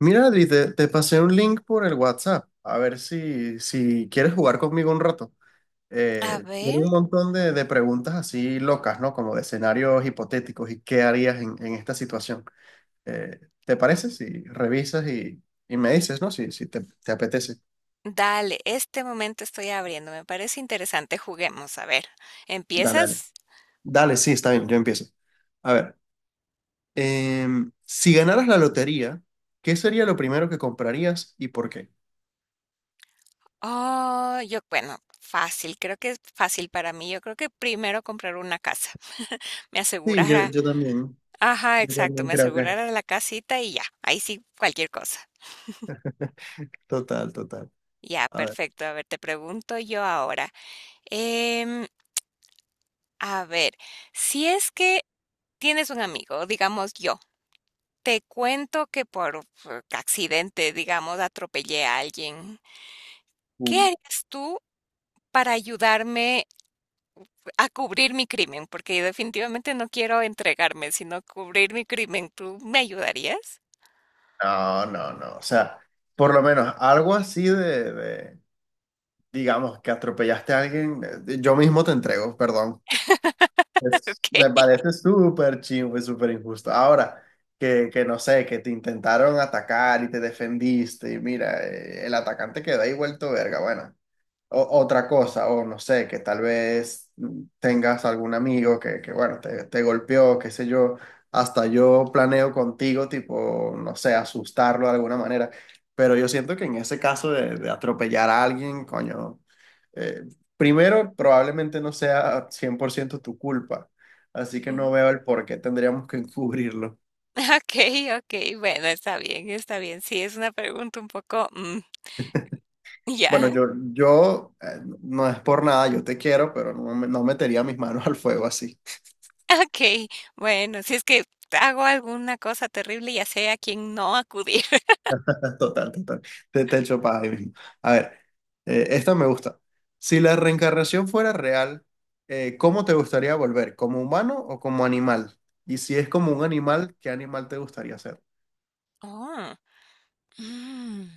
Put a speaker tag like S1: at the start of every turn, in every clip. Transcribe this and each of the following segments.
S1: Mira, Adri, te pasé un link por el WhatsApp. A ver si quieres jugar conmigo un rato.
S2: A
S1: Tiene
S2: ver,
S1: un montón de preguntas así locas, ¿no? Como de escenarios hipotéticos y qué harías en esta situación. ¿Te parece? Si revisas y me dices, ¿no? Si te apetece.
S2: dale, este momento estoy abriendo, me parece interesante, juguemos, a ver,
S1: Dale, dale.
S2: ¿empiezas?
S1: Dale, sí, está bien, yo empiezo. A ver, si ganaras la lotería, ¿qué sería lo primero que comprarías y por qué?
S2: Oh, yo, bueno, fácil, creo que es fácil para mí, yo creo que primero comprar una casa, me
S1: Sí,
S2: asegurara,
S1: yo también.
S2: ajá,
S1: Yo
S2: exacto,
S1: también
S2: me
S1: creo que.
S2: asegurara la casita y ya, ahí sí, cualquier cosa.
S1: Total, total.
S2: Ya,
S1: A ver.
S2: perfecto, a ver, te pregunto yo ahora, em, a ver, si es que tienes un amigo, digamos yo, te cuento que por accidente, digamos, atropellé a alguien. ¿Qué
S1: Mm.
S2: harías tú para ayudarme a cubrir mi crimen? Porque yo definitivamente no quiero entregarme, sino cubrir mi crimen. ¿Tú me ayudarías?
S1: No, no, no. O sea, por lo menos algo así digamos, que atropellaste a alguien, yo mismo te entrego, perdón. Me
S2: Ok.
S1: parece súper chingo y súper injusto. Ahora, que no sé, que te intentaron atacar y te defendiste y mira, el atacante queda ahí vuelto verga, bueno. Otra cosa, o no sé, que tal vez tengas algún amigo que bueno, te golpeó, qué sé yo, hasta yo planeo contigo, tipo, no sé, asustarlo de alguna manera, pero yo siento que en ese caso de atropellar a alguien, coño, eh, primero, probablemente no sea 100% tu culpa, así que no
S2: Ujú.
S1: veo el por qué tendríamos que encubrirlo.
S2: Ok, ok, bueno, está bien, está bien. Sí, es una pregunta un poco,
S1: Bueno,
S2: ya.
S1: yo no es por nada, yo te quiero, pero no metería mis manos al fuego así.
S2: Ok, bueno, si es que hago alguna cosa terrible, ya sé a quién no acudir.
S1: Total, total. Te echo paja ahí mismo. A ver, esta me gusta. Si la reencarnación fuera real, ¿cómo te gustaría volver? ¿Como humano o como animal? Y si es como un animal, ¿qué animal te gustaría ser?
S2: Oh, mm.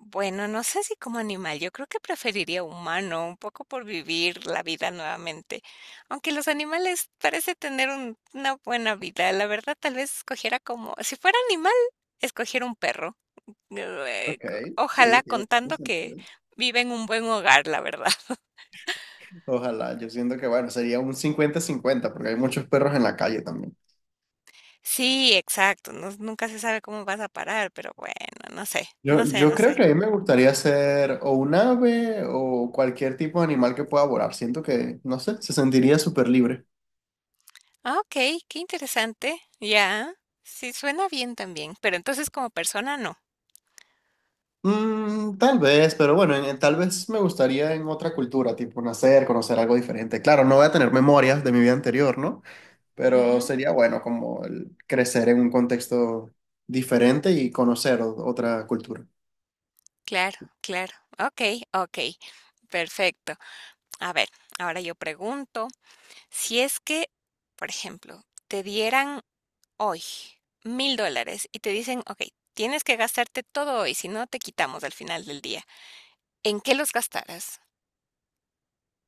S2: Bueno, no sé si como animal, yo creo que preferiría humano, un poco por vivir la vida nuevamente. Aunque los animales parece tener una buena vida, la verdad tal vez escogiera como, si fuera animal, escogiera un perro.
S1: Ok, sí,
S2: Ojalá
S1: tiene
S2: contando que
S1: sentido.
S2: vive en un buen hogar, la verdad.
S1: Ojalá, yo siento que, bueno, sería un 50-50 porque hay muchos perros en la calle también.
S2: Sí, exacto, nunca se sabe cómo vas a parar, pero bueno,
S1: Yo
S2: no
S1: creo
S2: sé.
S1: que a mí me gustaría ser o un ave o cualquier tipo de animal que pueda volar. Siento que, no sé, se sentiría súper libre.
S2: Ah, ok, qué interesante, ya, sí, suena bien también, pero entonces como persona no.
S1: Mm, tal vez, pero bueno, tal vez me gustaría en otra cultura, tipo nacer, conocer algo diferente. Claro, no voy a tener memorias de mi vida anterior, ¿no? Pero
S2: Ujú.
S1: sería bueno como el crecer en un contexto diferente y conocer otra cultura.
S2: Claro, claro. Okey, okey. Perfecto. A ver, ahora yo pregunto, si es que, por ejemplo, te dieran hoy $1000 y te dicen: "Okey, tienes que gastarte todo hoy, si no te quitamos al final del día", ¿en qué los gastarás?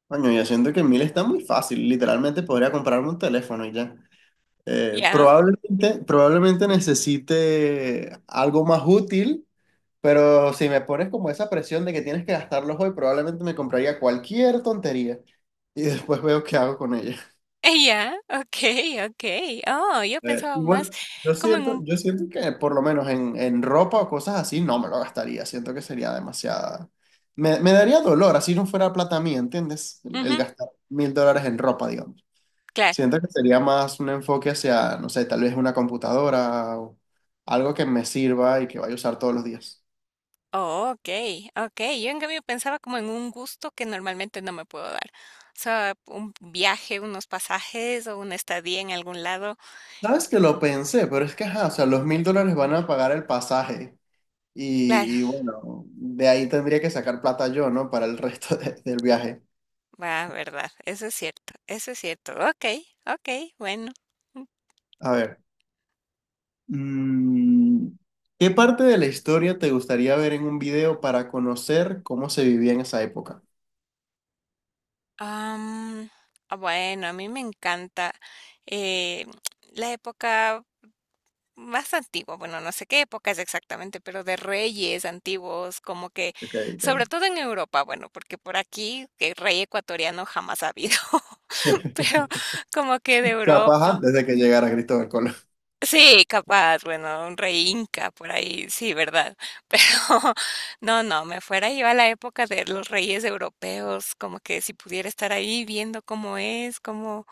S1: Coño, yo siento que en mil está muy fácil, literalmente podría comprarme un teléfono y ya.
S2: Ya,
S1: Probablemente necesite algo más útil. Pero si me pones como esa presión de que tienes que gastarlos hoy, probablemente me compraría cualquier tontería y después veo qué hago con ella.
S2: ya, okey, okey. Oh, yo pensaba más
S1: Igual,
S2: como en un
S1: yo siento que por lo menos en ropa o cosas así no me lo gastaría. Siento que sería demasiada. Me daría dolor, así no fuera plata mía, ¿entiendes? El
S2: ujú,
S1: gastar $1000 en ropa, digamos.
S2: claro.
S1: Siento que sería más un enfoque hacia, no sé, tal vez una computadora o algo que me sirva y que vaya a usar todos los días.
S2: Oh, okay, okey. Yo en cambio pensaba como en un gusto que normalmente no me puedo dar. O sea, un viaje, unos pasajes o una estadía en algún lado.
S1: Sabes que lo pensé, pero es que, ajá, o sea, los $1000 van a pagar el pasaje
S2: Claro,
S1: y bueno, de ahí tendría que sacar plata yo, ¿no? Para el resto del viaje.
S2: va, verdad, eso es cierto, eso es cierto. Okay, okay, bueno. Mm,
S1: A ver, mm, ¿qué parte de la historia te gustaría ver en un video para conocer cómo se vivía en esa época?
S2: am, bueno, a mí me encanta, eh, la época más antiguo, bueno, no sé qué época es exactamente, pero de reyes antiguos, como que,
S1: Ok,
S2: sobre
S1: ok.
S2: todo en Europa, bueno, porque por aquí que rey ecuatoriano jamás ha habido, pero como que de
S1: Capaz
S2: Europa.
S1: antes de que llegara Cristóbal Colón.
S2: Sí, capaz, bueno, un rey inca por ahí, sí, ¿verdad? Pero no, no, me fuera yo a la época de los reyes europeos, como que si pudiera estar ahí viendo cómo es, cómo,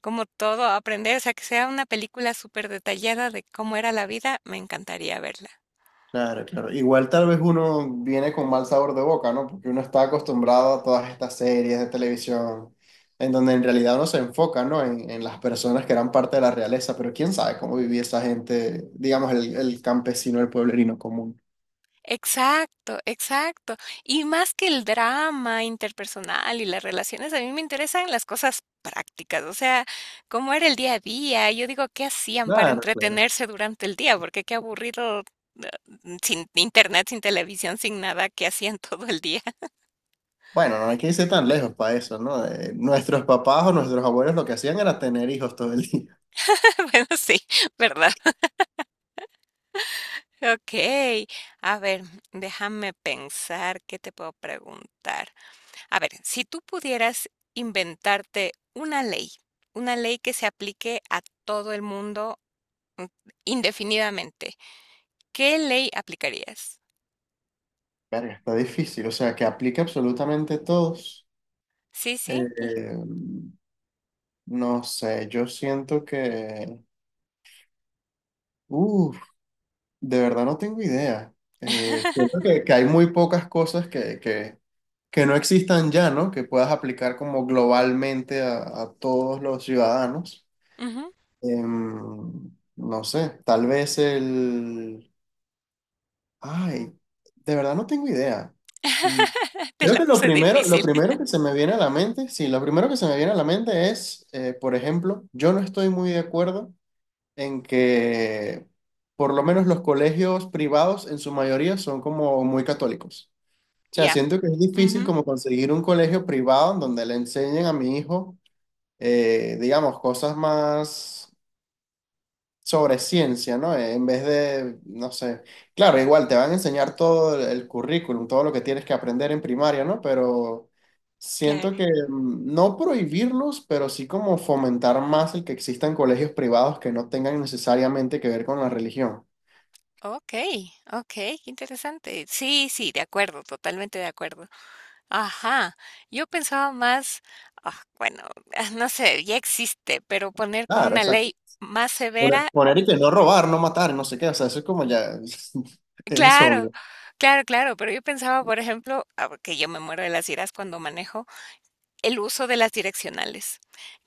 S2: cómo todo aprender, o sea, que sea una película súper detallada de cómo era la vida, me encantaría verla.
S1: Claro, claro. Igual tal vez uno viene con mal sabor de boca, ¿no? Porque uno está acostumbrado a todas estas series de televisión, en donde en realidad uno se enfoca, ¿no? En las personas que eran parte de la realeza, pero quién sabe cómo vivía esa gente, digamos, el campesino, el pueblerino común.
S2: Exacto, exacto. Y más que el drama interpersonal y las relaciones, a mí me interesan las cosas prácticas, o sea, cómo era el día a día. Yo digo, ¿qué hacían para
S1: Claro, claro.
S2: entretenerse durante el día? Porque qué aburrido, eh, sin internet, sin televisión, sin nada, ¿qué hacían todo el día?
S1: Bueno, no hay que irse tan lejos para eso, ¿no? Nuestros papás o nuestros abuelos lo que hacían era tener hijos todo el día.
S2: Bueno, sí, ¿verdad? Ok, a ver, déjame pensar qué te puedo preguntar. A ver, si tú pudieras inventarte una ley que se aplique a todo el mundo mm, indefinidamente, ¿qué ley aplicarías?
S1: Verga, está difícil, o sea, que aplique absolutamente a todos.
S2: Sí, sí. l-
S1: Eh, no sé, yo siento que... uff, de verdad no tengo idea. Siento que, hay muy pocas cosas que no existan ya, ¿no? Que puedas aplicar como globalmente a todos los ciudadanos.
S2: Ujú.
S1: Em, no sé, tal vez el... Ay, de verdad no tengo idea. Mm,
S2: Te
S1: creo
S2: la
S1: que
S2: puse
S1: lo
S2: difícil.
S1: primero que se me viene a la mente, sí, lo primero que se me viene a la mente es, por ejemplo, yo no estoy muy de acuerdo en que por lo menos los colegios privados en su mayoría son como muy católicos. O sea,
S2: Ya,
S1: siento que es difícil
S2: ujú,
S1: como conseguir un colegio privado en donde le enseñen a mi hijo, digamos, cosas más sobre ciencia, ¿no? En vez de, no sé, claro, igual te van a enseñar todo el currículum, todo lo que tienes que aprender en primaria, ¿no? Pero
S2: claro.
S1: siento que no prohibirlos, pero sí como fomentar más el que existan colegios privados que no tengan necesariamente que ver con la religión.
S2: Ok, ok, qué interesante. Sí, sí, de acuerdo, totalmente de acuerdo. Ajá. Yo pensaba más, ah, bueno, no sé, ya existe, pero poner como
S1: Claro,
S2: una
S1: exacto.
S2: ley más severa.
S1: Poner y que no robar, no matar, no sé qué, o sea, eso es como ya, es
S2: Claro,
S1: obvio.
S2: claro, pero yo pensaba, por ejemplo, ah, que yo me muero de las iras cuando manejo, el uso de las direccionales,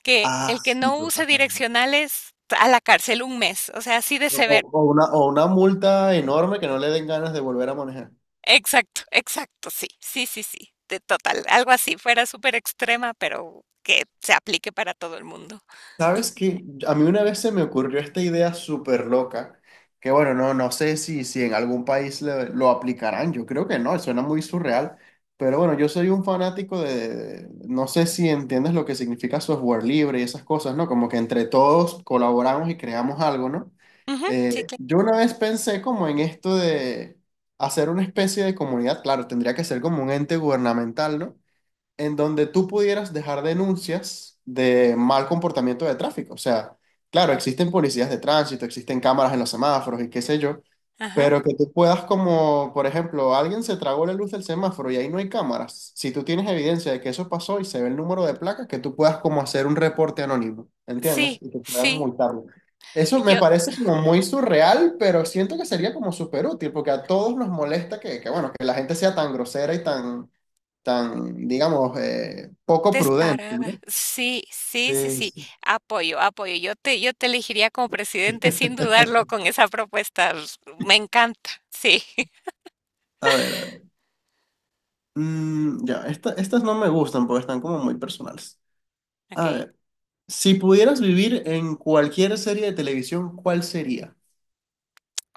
S2: que
S1: Ah,
S2: el que
S1: sí,
S2: no
S1: total.
S2: use direccionales a la cárcel 1 mes, o sea, así de severo.
S1: O una multa enorme que no le den ganas de volver a manejar.
S2: Exacto, exacto, sí, sí, sí, sí, de total, algo así, fuera súper extrema, pero que se aplique para todo el mundo.
S1: ¿Sabes qué? A mí una vez se me ocurrió esta idea súper loca, que bueno, no, no sé si en algún país lo aplicarán, yo creo que no, suena muy surreal, pero bueno, yo soy un fanático de, no sé si entiendes lo que significa software libre y esas cosas, ¿no? Como que entre todos colaboramos y creamos algo, ¿no?
S2: Ujú, sí, claro.
S1: Yo una vez pensé como en esto de hacer una especie de comunidad, claro, tendría que ser como un ente gubernamental, ¿no? En donde tú pudieras dejar denuncias de mal comportamiento de tráfico. O sea, claro, existen policías de tránsito, existen cámaras en los semáforos y qué sé yo,
S2: Ajá,
S1: pero que tú puedas como, por ejemplo, alguien se tragó la luz del semáforo y ahí no hay cámaras. Si tú tienes evidencia de que eso pasó y se ve el número de placas, que tú puedas como hacer un reporte anónimo, ¿entiendes?
S2: sí,
S1: Y que puedan
S2: sí,
S1: multarlo. Eso me
S2: yo.
S1: parece como muy surreal, pero siento que sería como súper útil, porque a todos nos molesta bueno, que la gente sea tan grosera y tan, tan, digamos, poco prudente,
S2: Descarada.
S1: ¿no?
S2: Sí, sí, sí,
S1: Sí,
S2: sí.
S1: sí.
S2: Apoyo, apoyo. Yo te elegiría como presidente sin dudarlo con esa propuesta. Me encanta. Sí.
S1: A ver, a ver. Mm, ya, estas no me gustan porque están como muy personales.
S2: Ok.
S1: A ver, si pudieras vivir en cualquier serie de televisión, ¿cuál sería?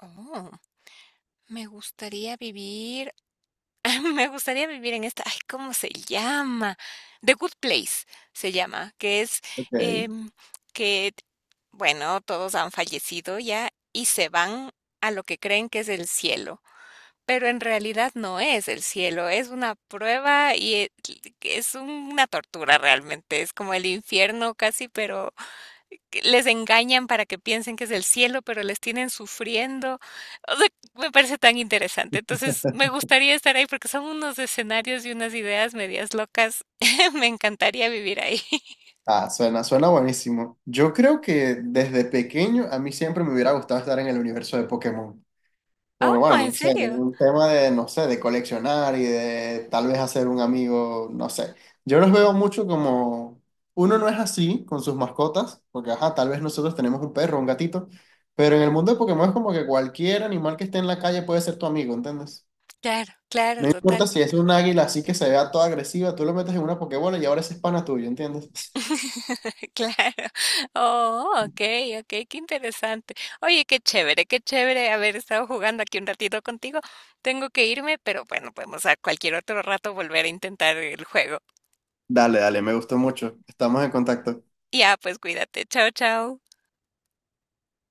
S2: Oh, me gustaría vivir, me gustaría vivir en esta, ay, ¿cómo se llama? The Good Place se llama, que es
S1: Ok.
S2: em, que, bueno, todos han fallecido ya y se van a lo que creen que es el cielo. Pero en realidad no es el cielo, es una prueba y es una tortura realmente, es como el infierno casi, pero que les engañan para que piensen que es el cielo, pero les tienen sufriendo. O sea, me parece tan interesante. Entonces, me gustaría estar ahí porque son unos escenarios y unas ideas medias locas. Me encantaría vivir ahí.
S1: Ah, suena, suena buenísimo. Yo creo que desde pequeño a mí siempre me hubiera gustado estar en el universo de Pokémon. Por,
S2: Oh,
S1: bueno,
S2: ¿en
S1: no sé,
S2: serio?
S1: un tema de, no sé, de coleccionar y de tal vez hacer un amigo, no sé. Yo los veo mucho como, uno no es así con sus mascotas, porque ajá, tal vez nosotros tenemos un perro, un gatito, pero en el mundo de Pokémon es como que cualquier animal que esté en la calle puede ser tu amigo, ¿entiendes?
S2: Claro, claro,
S1: No
S2: total.
S1: importa si es un águila así que se vea toda agresiva, tú lo metes en una Pokébola y ahora ese es pana tuyo, ¿entiendes?
S2: Claro. Oh, okey, okey, qué interesante. Oye, qué chévere haber estado jugando aquí un ratito contigo. Tengo que irme, pero bueno, podemos a cualquier otro rato volver a intentar el juego.
S1: Dale, dale, me gustó mucho. Estamos en contacto.
S2: Ya, pues cuídate. Chao, chao.